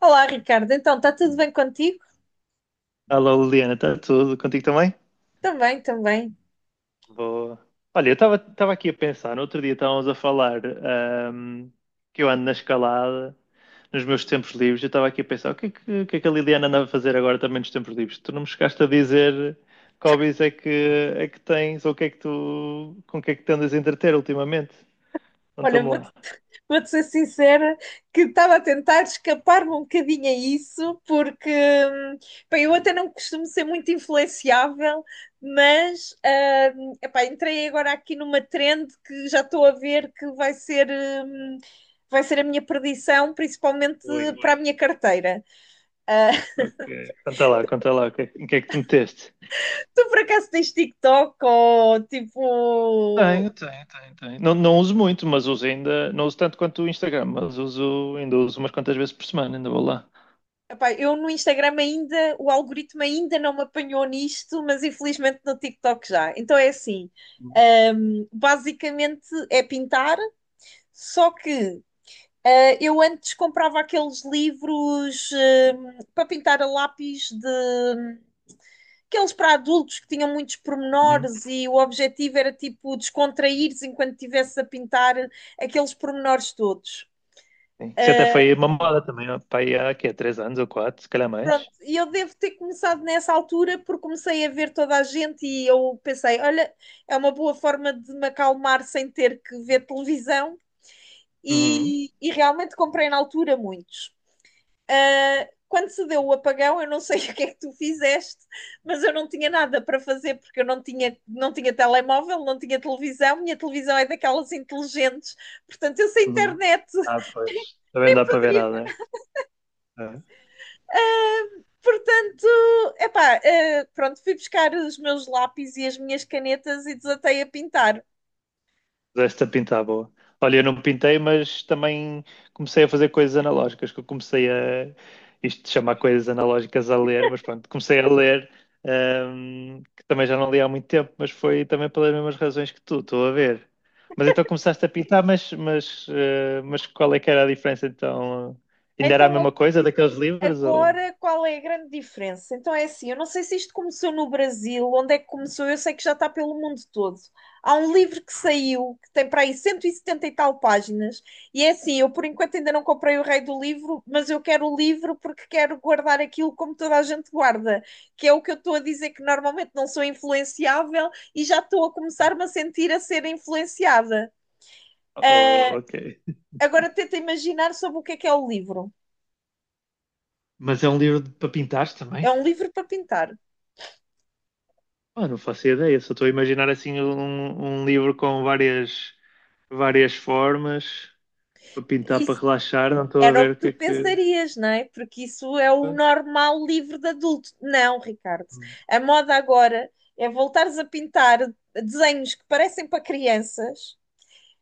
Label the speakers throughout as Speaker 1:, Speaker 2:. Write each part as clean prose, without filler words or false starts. Speaker 1: Olá, Ricardo. Então, está tudo bem contigo?
Speaker 2: Alô, Liliana, está tudo contigo também?
Speaker 1: Também, também.
Speaker 2: Boa. Olha, eu estava aqui a pensar, no outro dia estávamos a falar, ahm, que eu ando na escalada, nos meus tempos livres. Eu estava aqui a pensar o que é que a Liliana anda a fazer agora também nos tempos livres? Tu não me chegaste a dizer que hobbies é que tens ou o que é que tu, com o que é que te andas a entreter ultimamente?
Speaker 1: Olha,
Speaker 2: Conta-me
Speaker 1: vou-te
Speaker 2: lá.
Speaker 1: vou-te ser sincera que estava a tentar escapar-me um bocadinho a isso, porque hum, pá, eu até não costumo ser muito influenciável, mas epá, entrei agora aqui numa trend que já estou a ver que vai ser a minha perdição, principalmente
Speaker 2: Oi.
Speaker 1: para a minha carteira. Ah,
Speaker 2: Ok, conta lá, o que é que- em que é que tu meteste?
Speaker 1: tu por acaso tens TikTok ou tipo.
Speaker 2: Tenho, tenho, tenho, tenho. Não, não uso muito, mas uso ainda. Não uso tanto quanto o Instagram, mas uso, ainda uso umas quantas vezes por semana, ainda vou lá.
Speaker 1: Epá, eu no Instagram ainda, o algoritmo ainda não me apanhou nisto, mas infelizmente no TikTok já. Então é assim,
Speaker 2: Uhum.
Speaker 1: basicamente é pintar, só que eu antes comprava aqueles livros para pintar a lápis, de aqueles para adultos, que tinham muitos
Speaker 2: Uhum.
Speaker 1: pormenores, e o objetivo era tipo descontrair-se enquanto estivesse a pintar aqueles pormenores todos.
Speaker 2: Sim. Isso até foi uma moda também, ó, pá, aí há quê? 3 anos ou quatro, se calhar
Speaker 1: Pronto,
Speaker 2: mais.
Speaker 1: e eu devo ter começado nessa altura porque comecei a ver toda a gente e eu pensei, olha, é uma boa forma de me acalmar sem ter que ver televisão,
Speaker 2: Uhum.
Speaker 1: e realmente comprei na altura muitos. Quando se deu o apagão, eu não sei o que é que tu fizeste, mas eu não tinha nada para fazer, porque eu não tinha telemóvel, não tinha televisão, minha televisão é daquelas inteligentes, portanto eu sem
Speaker 2: Uhum.
Speaker 1: internet
Speaker 2: Ah, pois. Também
Speaker 1: nem
Speaker 2: não dá para ver
Speaker 1: poderia.
Speaker 2: nada, né? É.
Speaker 1: Portanto, epá, pronto, fui buscar os meus lápis e as minhas canetas e desatei a pintar.
Speaker 2: Esta pintar boa. Olha, eu não pintei, mas também comecei a fazer coisas analógicas, que eu comecei a isto de chamar coisas analógicas a ler. Mas pronto, comecei a ler, que também já não li há muito tempo, mas foi também pelas mesmas razões que tu, estou a ver. Mas então começaste a pintar, mas qual é que era a diferença então? Ainda era a
Speaker 1: Então.
Speaker 2: mesma coisa daqueles livros ou,
Speaker 1: Agora, qual é a grande diferença? Então é assim, eu não sei se isto começou no Brasil, onde é que começou, eu sei que já está pelo mundo todo. Há um livro que saiu, que tem para aí 170 e setenta e tal páginas, e é assim, eu por enquanto ainda não comprei o rei do livro, mas eu quero o livro porque quero guardar aquilo como toda a gente guarda, que é o que eu estou a dizer, que normalmente não sou influenciável e já estou a começar-me a sentir a ser influenciada.
Speaker 2: ou ok?
Speaker 1: Agora tenta imaginar sobre o que é o livro.
Speaker 2: Mas é um livro para pintar
Speaker 1: É
Speaker 2: também?
Speaker 1: um livro para pintar.
Speaker 2: Ah, não faço ideia, só estou a imaginar assim um livro com várias formas para pintar,
Speaker 1: E
Speaker 2: para relaxar, não estou a
Speaker 1: Era o
Speaker 2: ver
Speaker 1: que
Speaker 2: o que
Speaker 1: tu
Speaker 2: é que.
Speaker 1: pensarias, não é? Porque isso é o normal livre de adulto. Não, Ricardo. A moda agora é voltares a pintar desenhos que parecem para crianças.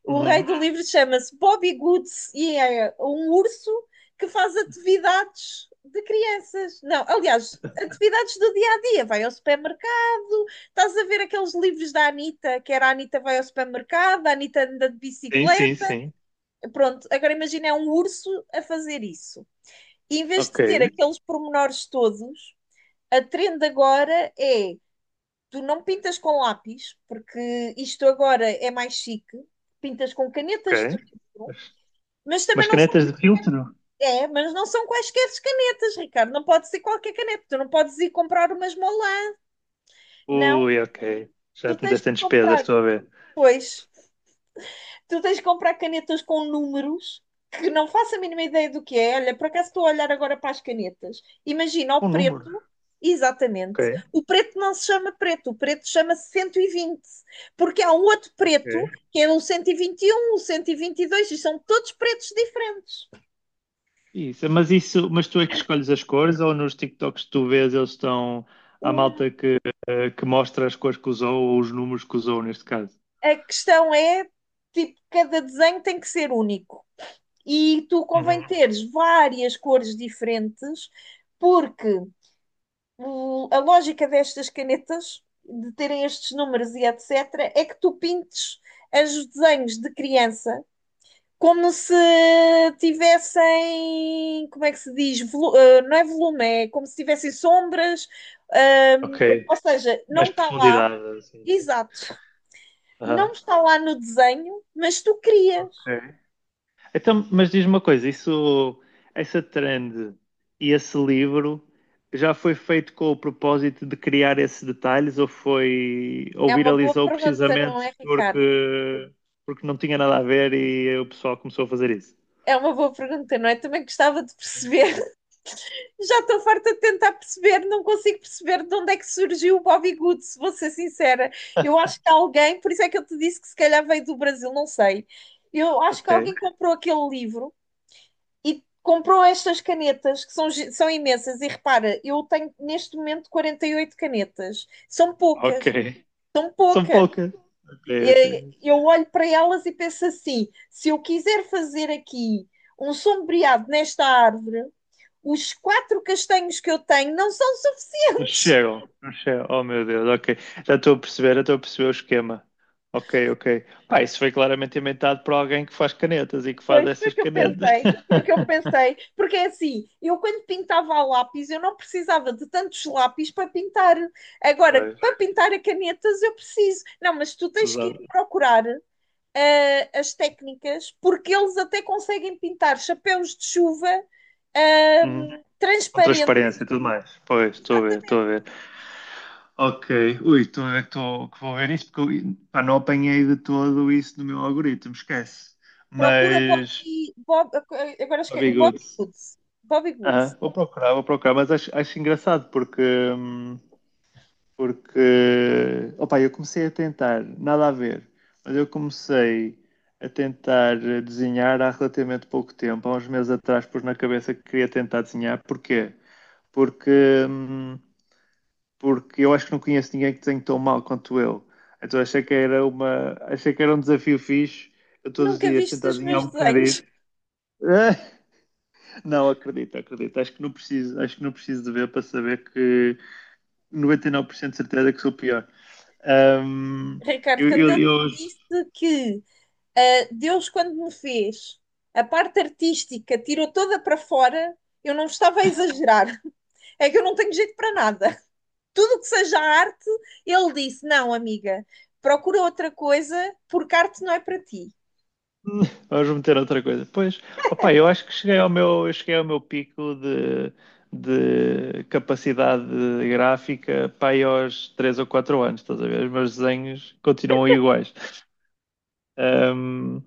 Speaker 1: O rei
Speaker 2: Uhum.
Speaker 1: do livro chama-se Bobby Goods e é um urso que faz atividades de crianças. Não, aliás, atividades do dia a dia. Vai ao supermercado, estás a ver aqueles livros da Anitta, que era a Anitta vai ao supermercado, a Anitta anda de
Speaker 2: Sim, sim,
Speaker 1: bicicleta.
Speaker 2: sim.
Speaker 1: Pronto, agora imagina, é um urso a fazer isso em vez de
Speaker 2: Ok,
Speaker 1: ter aqueles pormenores todos. A trend agora é, tu não pintas com lápis, porque isto agora é mais chique, pintas com canetas de
Speaker 2: ok.
Speaker 1: filtro,
Speaker 2: Mas
Speaker 1: mas
Speaker 2: mas
Speaker 1: também não são,
Speaker 2: canetas de filtro?
Speaker 1: é, mas não são quaisquer canetas, Ricardo, não pode ser qualquer caneta, tu não podes ir comprar umas molas, não,
Speaker 2: Ui, ok. Já
Speaker 1: tu
Speaker 2: te
Speaker 1: tens
Speaker 2: meteste
Speaker 1: que
Speaker 2: em despesas,
Speaker 1: comprar,
Speaker 2: estou a ver.
Speaker 1: pois, tu tens de comprar canetas com números, que não faço a mínima ideia do que é. Olha, por acaso estou a olhar agora para as canetas. Imagina o
Speaker 2: Um número.
Speaker 1: preto, exatamente.
Speaker 2: Ok,
Speaker 1: O preto não se chama preto, o preto chama-se 120, porque há um outro preto
Speaker 2: ok.
Speaker 1: que é o cento e vinte e um, o 122, e vinte e dois, e são todos pretos diferentes.
Speaker 2: Isso, mas tu é que escolhes as cores ou nos TikToks que tu vês eles estão. Há
Speaker 1: Um,
Speaker 2: malta que mostra as cores que usou ou os números que usou neste caso?
Speaker 1: a questão é, tipo, cada desenho tem que ser único. E tu convém teres várias cores diferentes, porque a lógica destas canetas, de terem estes números e etc., é que tu pintes os desenhos de criança como se tivessem, como é que se diz? Não é volume, é como se tivessem sombras, ahm,
Speaker 2: Ok.
Speaker 1: ou seja, não
Speaker 2: Mais
Speaker 1: está lá,
Speaker 2: profundidade, assim.
Speaker 1: exato, não
Speaker 2: Aham.
Speaker 1: está lá no desenho, mas tu crias.
Speaker 2: Ok. Então, mas diz-me uma coisa, essa trend e esse livro já foi feito com o propósito de criar esses detalhes ou foi, ou
Speaker 1: É uma boa
Speaker 2: viralizou
Speaker 1: pergunta, não
Speaker 2: precisamente
Speaker 1: é, Ricardo?
Speaker 2: porque não tinha nada a ver e o pessoal começou a fazer isso?
Speaker 1: É uma boa pergunta, não é? Também gostava de perceber. Já estou farta de tentar perceber, não consigo perceber de onde é que surgiu o Bobby Good, se vou ser sincera. Eu acho que alguém, por isso é que eu te disse que se calhar veio do Brasil, não sei. Eu acho que
Speaker 2: Ok.
Speaker 1: alguém comprou aquele livro e comprou estas canetas, que são, são imensas. E repara, eu tenho neste momento 48 canetas. São poucas,
Speaker 2: Ok.
Speaker 1: são
Speaker 2: São
Speaker 1: poucas.
Speaker 2: poucas. Ok,
Speaker 1: E
Speaker 2: ok.
Speaker 1: eu olho para elas e penso assim: se eu quiser fazer aqui um sombreado nesta árvore, os quatro castanhos que eu tenho não são
Speaker 2: Não
Speaker 1: suficientes.
Speaker 2: chegam, não chegam. Oh meu Deus, ok. Já estou a perceber, já estou a perceber o esquema. Ok, ok. Pá, isso foi claramente inventado por alguém que faz canetas e que faz
Speaker 1: Pois foi o
Speaker 2: essas
Speaker 1: que eu
Speaker 2: canetas.
Speaker 1: pensei, foi o que eu pensei, porque é assim, eu quando pintava a lápis, eu não precisava de tantos lápis para pintar. Agora,
Speaker 2: Pois,
Speaker 1: para pintar a canetas eu preciso. Não, mas tu tens que
Speaker 2: usava.
Speaker 1: ir procurar as técnicas, porque eles até conseguem pintar chapéus de chuva,
Speaker 2: Uhum. Com
Speaker 1: transparente,
Speaker 2: transparência e tudo mais. Pois, estou a ver, estou
Speaker 1: exatamente.
Speaker 2: a ver. Ok, ui, estou a ver que, que vou ver isso, porque eu, pá, não apanhei de todo isso no meu algoritmo, esquece.
Speaker 1: Procura
Speaker 2: Mas,
Speaker 1: Bobby, Bob, agora
Speaker 2: ó,
Speaker 1: esqueci,
Speaker 2: Bigude,
Speaker 1: Bobby Woods. Bobby Woods.
Speaker 2: vou procurar, mas acho engraçado porque. Porque, opa, eu comecei a tentar, nada a ver, mas eu comecei a tentar desenhar há relativamente pouco tempo. Há uns meses atrás pus na cabeça que queria tentar desenhar. Porquê? Porque, hum, porque eu acho que não conheço ninguém que desenhe tão mal quanto eu. Então achei que era um desafio fixe. Eu todos os
Speaker 1: Nunca
Speaker 2: dias
Speaker 1: viste
Speaker 2: tentar
Speaker 1: os
Speaker 2: desenhar
Speaker 1: meus
Speaker 2: um
Speaker 1: desenhos.
Speaker 2: bocadinho. Ah, não, acredito, acredito. Acho que não preciso, acho que não preciso de ver para saber que 99% de certeza que sou pior. Ahm,
Speaker 1: Ricardo,
Speaker 2: eu,
Speaker 1: quando
Speaker 2: eu,
Speaker 1: eu
Speaker 2: eu
Speaker 1: te disse que Deus, quando me fez a parte artística, tirou toda para fora, eu não estava a exagerar. É que eu não tenho jeito para nada. Tudo que seja arte, ele disse: não, amiga, procura outra coisa, porque arte não é para ti.
Speaker 2: Vamos meter outra coisa. Pois, opa, eu acho que cheguei ao meu, eu cheguei ao meu pico de capacidade gráfica para aí aos 3 ou 4 anos, estás a ver? Os meus desenhos continuam iguais. Um,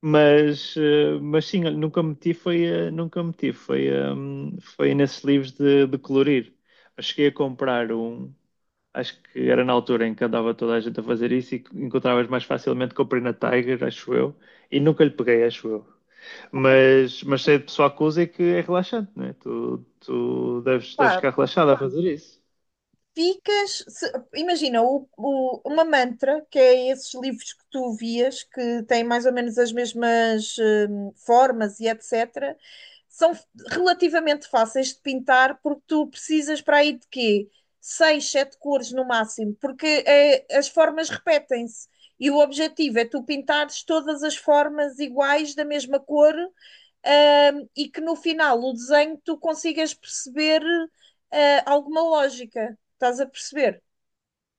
Speaker 2: mas sim, olha, nunca meti foi, nunca meti foi, foi nesses livros de colorir. Eu cheguei a comprar um, acho que era na altura em que andava toda a gente a fazer isso e que encontravas mais facilmente, comprei na Tiger, acho eu, e nunca lhe peguei, acho eu. Mas sei de pessoal que usa e que é relaxante, não é? Tu deves
Speaker 1: Pá,
Speaker 2: ficar relaxado a fazer isso.
Speaker 1: ficas. Imagina, uma mantra, que é esses livros que tu vias, que têm mais ou menos as mesmas, formas e etc., são relativamente fáceis de pintar, porque tu precisas para aí de quê? Seis, sete cores no máximo, porque as formas repetem-se. E o objetivo é tu pintares todas as formas iguais da mesma cor, e que no final o desenho tu consigas perceber, alguma lógica. Estás a perceber?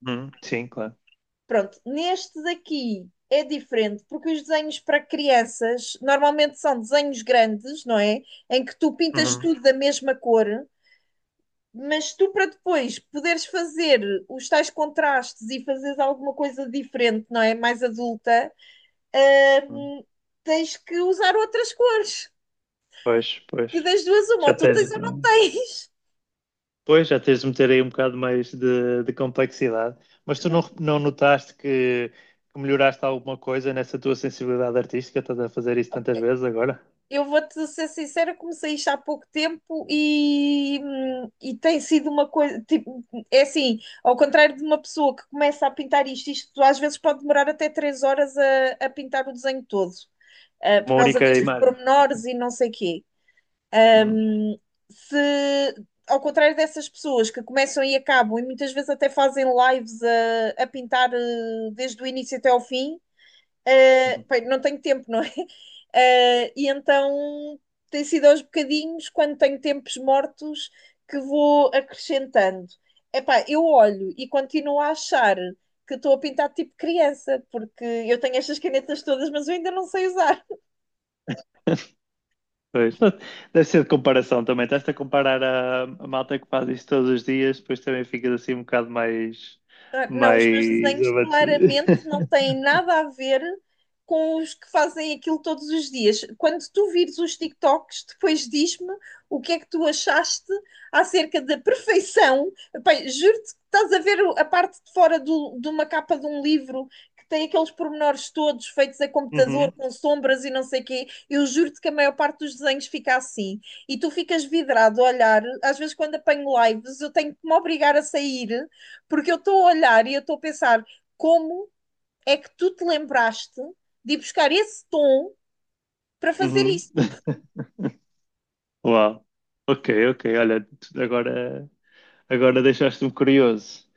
Speaker 2: Uhum, sim, claro.
Speaker 1: Pronto, neste daqui é diferente, porque os desenhos para crianças normalmente são desenhos grandes, não é? Em que tu pintas
Speaker 2: Uhum,
Speaker 1: tudo da mesma cor, mas tu, para depois poderes fazer os tais contrastes e fazeres alguma coisa diferente, não é? Mais adulta,
Speaker 2: uhum.
Speaker 1: hum, tens que usar outras cores.
Speaker 2: Pois, pois.
Speaker 1: Que das duas, uma,
Speaker 2: Já
Speaker 1: ou tu tens
Speaker 2: tens.
Speaker 1: ou não tens.
Speaker 2: Pois, já tens de meter aí um bocado mais de complexidade. Mas tu não notaste que melhoraste alguma coisa nessa tua sensibilidade artística? Estás a fazer isso tantas vezes agora?
Speaker 1: Eu vou-te ser sincera, comecei isto há pouco tempo, e tem sido uma coisa, tipo, é assim, ao contrário de uma pessoa que começa a pintar isto, isto às vezes pode demorar até 3 horas a pintar o desenho todo, por
Speaker 2: Uma
Speaker 1: causa
Speaker 2: única, sim,
Speaker 1: destes
Speaker 2: imagem.
Speaker 1: pormenores e não sei quê.
Speaker 2: Hum.
Speaker 1: Se, ao contrário dessas pessoas que começam e acabam, e muitas vezes até fazem lives a pintar, desde o início até ao fim.
Speaker 2: Hum.
Speaker 1: Bem, não tenho tempo, não é? E então tem sido aos bocadinhos, quando tenho tempos mortos, que vou acrescentando. Epá, eu olho e continuo a achar que estou a pintar tipo criança, porque eu tenho estas canetas todas, mas eu ainda não sei usar.
Speaker 2: Pois, deve ser de comparação também. Estás-te a comparar a malta que faz isto todos os dias, depois também ficas assim um bocado mais,
Speaker 1: Não, os meus
Speaker 2: mais
Speaker 1: desenhos
Speaker 2: abatido.
Speaker 1: claramente não têm nada a ver com os que fazem aquilo todos os dias. Quando tu vires os TikToks, depois diz-me o que é que tu achaste acerca da perfeição. Pai, juro-te que estás a ver a parte de fora de uma capa de um livro que tem aqueles pormenores todos feitos a computador,
Speaker 2: Uhum,
Speaker 1: com sombras e não sei quê. Eu juro-te que a maior parte dos desenhos fica assim. E tu ficas vidrado a olhar. Às vezes, quando apanho lives, eu tenho que me obrigar a sair, porque eu estou a olhar e eu estou a pensar como é que tu te lembraste de ir buscar esse tom para fazer
Speaker 2: uhum.
Speaker 1: isso.
Speaker 2: Uau. Ok, ok. Olha, tu- agora, agora, deixaste-me curioso.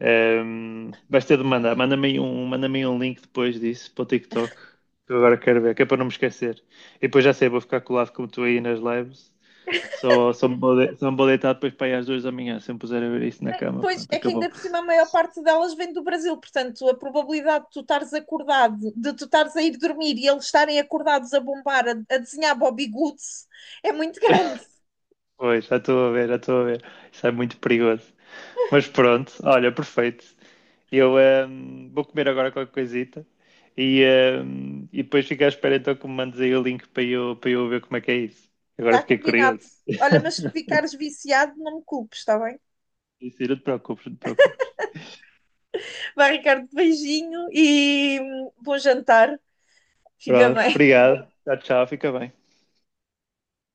Speaker 2: Vais ter de mandar. Manda-me aí um link depois disso para o TikTok. Que eu agora quero ver, que é para não me esquecer. E depois já sei, vou ficar colado como tu aí nas lives. Só me vou deitar depois para ir às 2 da manhã. Se eu me puser a ver isso na cama,
Speaker 1: Pois
Speaker 2: pronto,
Speaker 1: é que ainda
Speaker 2: acabou.
Speaker 1: por cima a maior parte delas vem do Brasil, portanto a probabilidade de tu estares acordado, de tu estares a ir dormir, e eles estarem acordados a bombar, a desenhar Bobby Goods, é muito grande.
Speaker 2: Pois, já estou a ver, já estou a ver. Isso é muito perigoso. Mas pronto, olha, perfeito. Eu vou comer agora qualquer coisita e depois fico à espera então que me mandes aí o link para eu ver como é que é isso. Agora
Speaker 1: Está
Speaker 2: fiquei
Speaker 1: combinado.
Speaker 2: curioso.
Speaker 1: Olha, mas se ficares viciado, não me culpes, está bem?
Speaker 2: Isso, não te preocupes.
Speaker 1: Vai, Ricardo, beijinho e bom jantar. Fica
Speaker 2: Pronto,
Speaker 1: bem.
Speaker 2: obrigado. Tchau, tchau, fica bem.